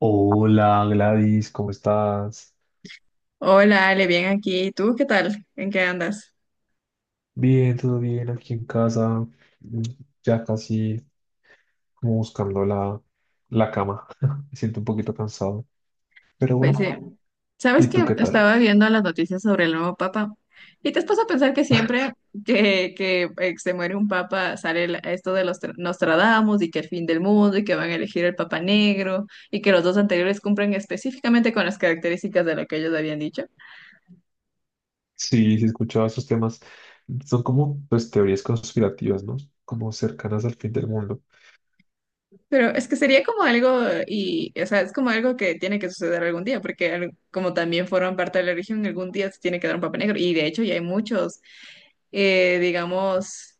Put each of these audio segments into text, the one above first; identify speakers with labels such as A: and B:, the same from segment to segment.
A: Hola Gladys, ¿cómo estás?
B: Hola, Ale, bien aquí. ¿Tú qué tal? ¿En qué andas?
A: Bien, todo bien aquí en casa, mm, ya casi como buscando la cama. Me siento un poquito cansado, pero
B: Pues sí.
A: bueno,
B: ¿Sabes
A: ¿y tú
B: que
A: qué tal?
B: estaba viendo las noticias sobre el nuevo papa y te has puesto a pensar que siempre que se muere un papa sale esto de Nostradamus y que el fin del mundo y que van a elegir el papa negro y que los dos anteriores cumplen específicamente con las características de lo que ellos habían dicho?
A: Sí, sí, escuchaba esos temas. Son como pues, teorías conspirativas, ¿no? Como cercanas al fin del mundo.
B: Pero es que sería como algo, y, o sea, es como algo que tiene que suceder algún día, porque como también forman parte de la religión, algún día se tiene que dar un papa negro. Y de hecho ya hay muchos, digamos,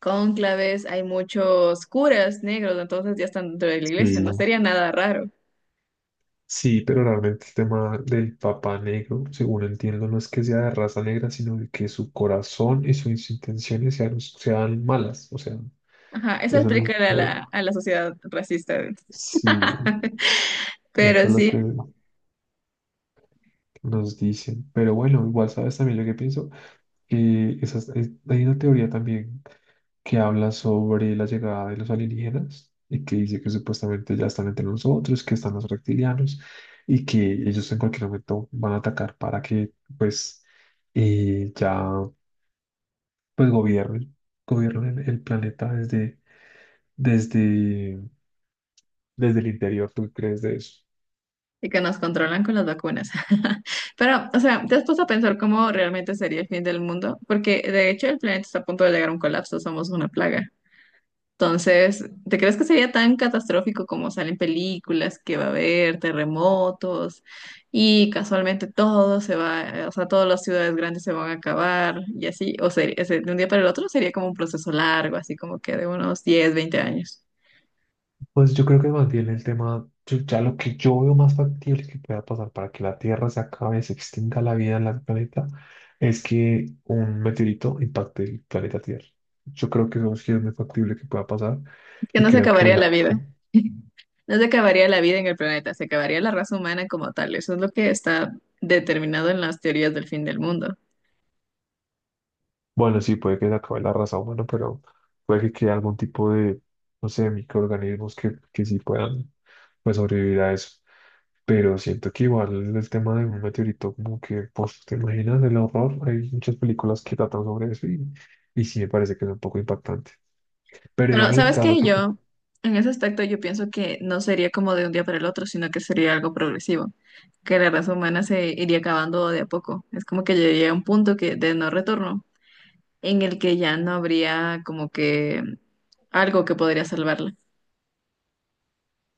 B: cónclaves, hay muchos curas negros, entonces ya están dentro de la iglesia, no
A: Sí.
B: sería nada raro.
A: Sí, pero realmente el tema del Papa Negro, según entiendo, no es que sea de raza negra, sino de que su corazón y sus intenciones sean, sean malas. O sea,
B: Ajá, eso
A: eso es lo
B: explica a la sociedad racista,
A: sí, eso
B: pero
A: es lo
B: sí,
A: que nos dicen. Pero bueno, igual sabes también lo que pienso, que hay una teoría también que habla sobre la llegada de los alienígenas y que dice que supuestamente ya están entre nosotros, que están los reptilianos y que ellos en cualquier momento van a atacar para que pues ya pues gobiernen el planeta desde, desde el interior. ¿Tú crees de eso?
B: y que nos controlan con las vacunas. Pero, o sea, ¿te has puesto a pensar cómo realmente sería el fin del mundo? Porque de hecho el planeta está a punto de llegar a un colapso, somos una plaga. Entonces, ¿te crees que sería tan catastrófico como salen películas que va a haber terremotos y casualmente todo se va, o sea, todas las ciudades grandes se van a acabar y así? O sería, de un día para el otro sería como un proceso largo, así como que de unos 10, 20 años.
A: Pues yo creo que más bien el tema, ya lo que yo veo más factible que pueda pasar para que la Tierra se acabe, se extinga la vida en el planeta, es que un meteorito impacte el planeta Tierra. Yo creo que eso sí es muy factible que pueda pasar
B: Que
A: y
B: no se
A: creo que
B: acabaría
A: es
B: la
A: algo
B: vida. No se acabaría la vida en el planeta, se acabaría la raza humana como tal. Eso es lo que está determinado en las teorías del fin del mundo.
A: bueno, sí, puede que se acabe la raza humana, pero puede que quede algún tipo de, no sé, microorganismos que sí puedan pues, sobrevivir a eso. Pero siento que igual el tema de un meteorito, como que, pues, ¿te imaginas el horror? Hay muchas películas que tratan sobre eso y sí me parece que es un poco impactante. Pero
B: Pero,
A: digamos el
B: ¿sabes
A: caso
B: qué?
A: que,
B: Yo, en ese aspecto, yo pienso que no sería como de un día para el otro, sino que sería algo progresivo, que la raza humana se iría acabando de a poco. Es como que llegaría a un punto que, de no retorno, en el que ya no habría como que algo que podría salvarla.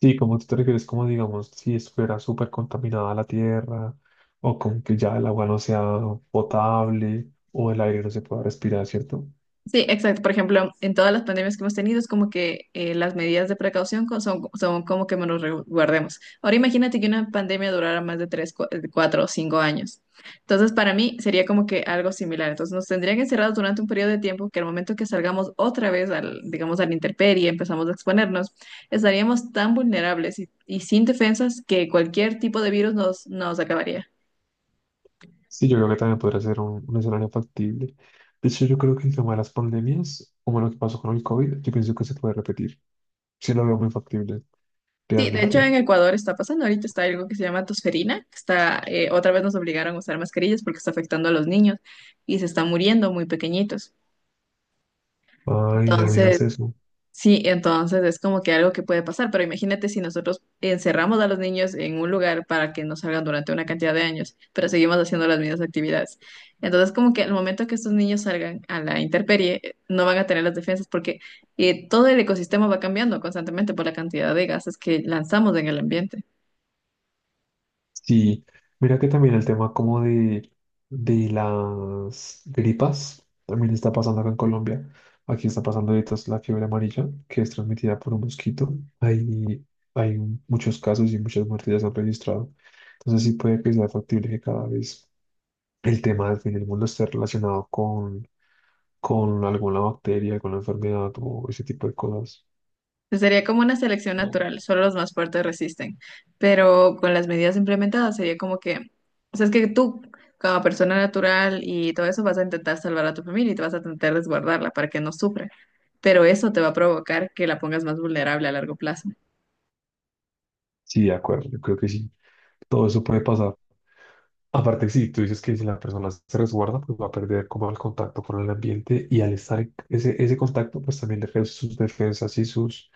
A: sí, como tú te refieres, como digamos, si estuviera súper contaminada la tierra, o con que ya el agua no sea potable, o el aire no se pueda respirar, ¿cierto?
B: Sí, exacto. Por ejemplo, en todas las pandemias que hemos tenido es como que las medidas de precaución son como que nos resguardemos. Ahora imagínate que una pandemia durara más de 3, 4 o 5 años. Entonces, para mí sería como que algo similar. Entonces, nos tendrían encerrados durante un periodo de tiempo que al momento que salgamos otra vez al, digamos, a la intemperie, empezamos a exponernos, estaríamos tan vulnerables y sin defensas que cualquier tipo de virus nos acabaría.
A: Sí, yo creo que también podría ser un escenario factible. De hecho, yo creo que el tema de las pandemias, como lo que pasó con el COVID, yo pienso que se puede repetir. Sí lo veo muy factible,
B: Sí, de hecho
A: realmente.
B: en Ecuador está pasando, ahorita está algo que se llama tosferina, que está, otra vez nos obligaron a usar mascarillas porque está afectando a los niños y se están muriendo muy pequeñitos.
A: Ay, no digas
B: Entonces,
A: eso.
B: sí, entonces es como que algo que puede pasar, pero imagínate si nosotros encerramos a los niños en un lugar para que no salgan durante una cantidad de años, pero seguimos haciendo las mismas actividades. Entonces, como que al momento que estos niños salgan a la intemperie, no van a tener las defensas porque todo el ecosistema va cambiando constantemente por la cantidad de gases que lanzamos en el ambiente.
A: Sí, mira que también el tema como de las gripas también está pasando acá en Colombia. Aquí está pasando ahorita es la fiebre amarilla, que es transmitida por un mosquito. Hay, hay muchos casos y muchas muertes ya se han registrado. Entonces sí puede que sea factible que cada vez el tema del fin del mundo esté relacionado con alguna bacteria, con la enfermedad o ese tipo de cosas.
B: Sería como una selección natural, solo los más fuertes resisten, pero con las medidas implementadas sería como que, o sea, es que tú, como persona natural y todo eso, vas a intentar salvar a tu familia y te vas a intentar resguardarla para que no sufra, pero eso te va a provocar que la pongas más vulnerable a largo plazo.
A: Sí, de acuerdo, yo creo que sí. Todo eso puede pasar. Aparte, si tú dices que si la persona se resguarda, pues va a perder como el contacto con el ambiente y al estar en ese contacto, pues también le reduce sus defensas y sus,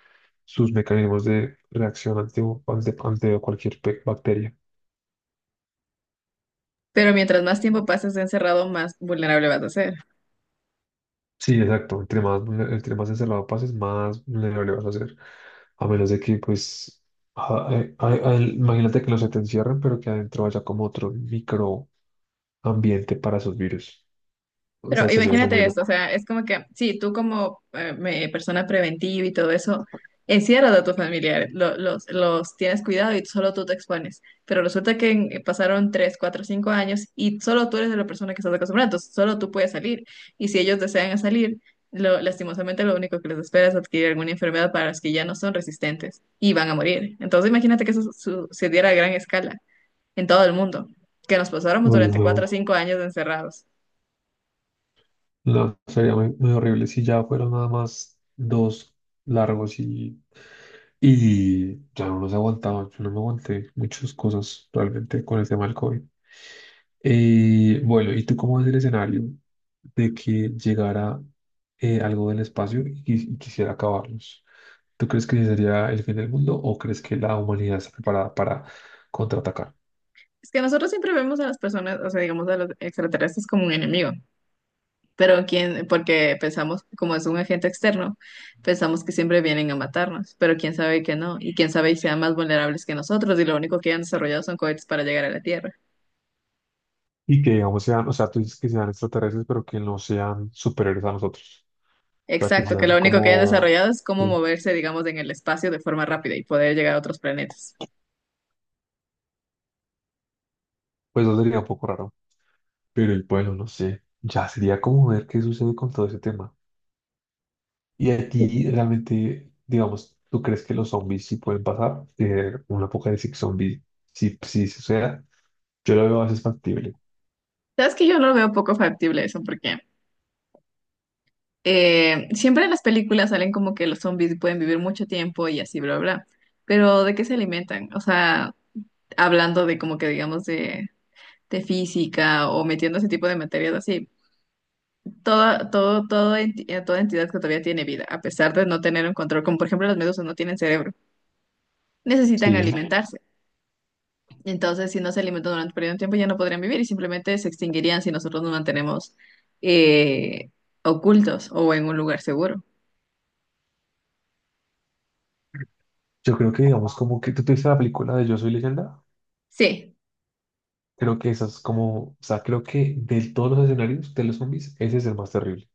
A: sus mecanismos de reacción ante cualquier bacteria.
B: Pero mientras más tiempo pases encerrado, más vulnerable vas a ser.
A: Sí, exacto. Entre más, entre más encerrado pases, más vulnerable vas a ser. A menos de que, pues, a- imagínate que no se te encierren, pero que adentro haya como otro microambiente para esos virus. O
B: Pero
A: sea, sería algo muy
B: imagínate esto, o
A: loco.
B: sea, es como que, sí, tú como persona preventiva y todo eso, encierras a tus familiares, los tienes cuidado y solo tú te expones. Pero resulta que pasaron 3 4 5 años y solo tú eres la persona que estás acostumbrada, entonces solo tú puedes salir. Y si ellos desean salir, lastimosamente lo único que les espera es adquirir alguna enfermedad para las que ya no son resistentes y van a morir. Entonces imagínate que eso sucediera a gran escala en todo el mundo, que nos pasáramos
A: Uy,
B: durante 4 o
A: no.
B: Wow. años encerrados.
A: No, sería muy, muy horrible si ya fueron nada más dos largos y ya no nos aguantaba. Yo no me aguanté muchas cosas realmente con el tema del COVID. Bueno, ¿y tú cómo ves el escenario de que llegara algo del espacio y y quisiera acabarlos? ¿Tú crees que ese sería el fin del mundo o crees que la humanidad está preparada para contraatacar?
B: Es que nosotros siempre vemos a las personas, o sea, digamos a los extraterrestres como un enemigo, pero quién, porque pensamos, como es un agente externo, pensamos que siempre vienen a matarnos, pero quién sabe que no, y quién sabe y sean más vulnerables que nosotros, y lo único que han desarrollado son cohetes para llegar a la Tierra.
A: Y que, digamos, sean, o sea, tú dices que sean extraterrestres, pero que no sean superiores a nosotros. Sea, que
B: Exacto, que
A: sean
B: lo único que han
A: como,
B: desarrollado es cómo
A: sí,
B: moverse, digamos, en el espacio de forma rápida y poder llegar a otros planetas.
A: pues eso sería un poco raro. Pero y bueno, no sé, ya sería como ver qué sucede con todo ese tema. Y a ti realmente, digamos, ¿tú crees que los zombies sí pueden pasar? Un apocalipsis zombie, sí, sí suceda. Yo lo veo más factible.
B: Sabes que yo lo veo poco factible eso, porque siempre en las películas salen como que los zombies pueden vivir mucho tiempo y así, bla, bla. Pero ¿de qué se alimentan? O sea, hablando de como que digamos de física o metiendo ese tipo de materias así. Toda entidad que todavía tiene vida, a pesar de no tener un control, como por ejemplo las medusas no tienen cerebro, necesitan
A: Sí.
B: alimentarse. Entonces, si no se alimentan durante un periodo de tiempo, ya no podrían vivir y simplemente se extinguirían si nosotros nos mantenemos eh, ocultos o en un lugar seguro.
A: Yo creo que, digamos, como que tú te viste la película de Yo Soy Leyenda,
B: Sí.
A: creo que esa es como, o sea, creo que de todos los escenarios de los zombies, ese es el más terrible.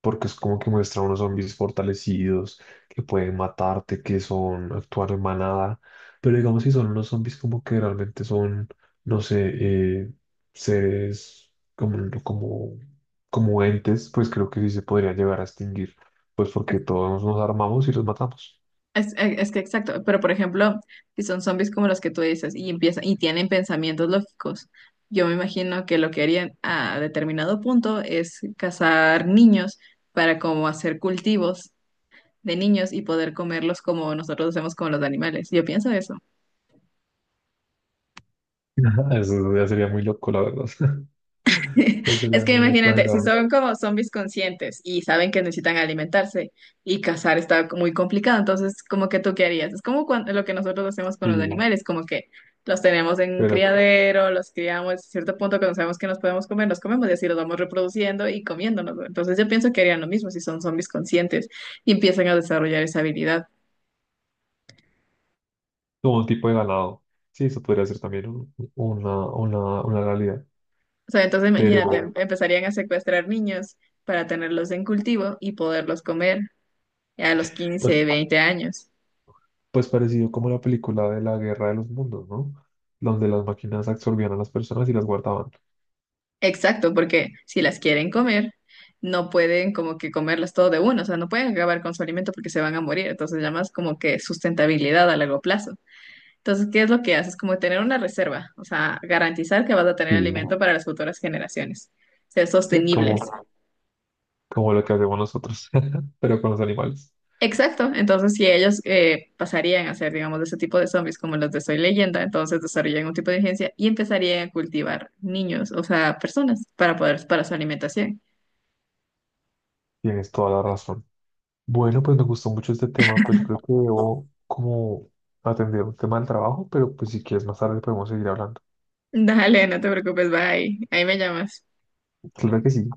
A: Porque es como que muestra unos zombies fortalecidos que pueden matarte, que son actuar en manada, pero digamos si son unos zombies como que realmente son, no sé, seres como, como, como entes, pues creo que sí se podría llegar a extinguir, pues porque todos nos armamos y los matamos.
B: Es que exacto, pero por ejemplo, si son zombies como los que tú dices y empiezan y tienen pensamientos lógicos, yo me imagino que lo que harían a determinado punto es cazar niños para como hacer cultivos de niños y poder comerlos como nosotros hacemos con los animales. Yo pienso eso.
A: Eso ya sería muy loco, la verdad. Ya
B: Es
A: sería
B: que
A: muy
B: imagínate, si
A: exagerado.
B: son como zombies conscientes y saben que necesitan alimentarse y cazar está muy complicado, entonces como que tú ¿qué harías? Es como lo que nosotros hacemos con los
A: Sí,
B: animales, como que los tenemos en un
A: pero
B: criadero, los criamos, a cierto punto cuando sabemos que nos podemos comer, los comemos y así los vamos reproduciendo y comiéndonos, ¿no? Entonces yo pienso que harían lo mismo si son zombies conscientes y empiezan a desarrollar esa habilidad.
A: como un tipo de ganado. Sí, eso podría ser también una realidad.
B: O sea, entonces imagínate,
A: Pero
B: empezarían a secuestrar niños para tenerlos en cultivo y poderlos comer a los
A: pues,
B: 15, 20 años.
A: pues parecido como la película de la Guerra de los Mundos, ¿no? Donde las máquinas absorbían a las personas y las guardaban.
B: Exacto, porque si las quieren comer, no pueden como que comerlas todo de uno, o sea, no pueden acabar con su alimento porque se van a morir, entonces llamas como que sustentabilidad a largo plazo. Entonces, ¿qué es lo que haces? Como tener una reserva, o sea, garantizar que vas a tener
A: Sí.
B: alimento para las futuras generaciones, ser
A: Sí,
B: sostenibles.
A: como, como lo que hacemos nosotros, pero con los animales.
B: Exacto, entonces si ellos pasarían a ser, digamos, de ese tipo de zombies como los de Soy Leyenda, entonces desarrollan un tipo de agencia y empezarían a cultivar niños, o sea, personas para poder, para su alimentación.
A: Tienes toda la razón. Bueno, pues me gustó mucho este tema, pues yo creo que debo como atender un tema del trabajo, pero pues si quieres más tarde podemos seguir hablando.
B: Dale, no te preocupes, bye. Ahí me llamas.
A: Claro que sí.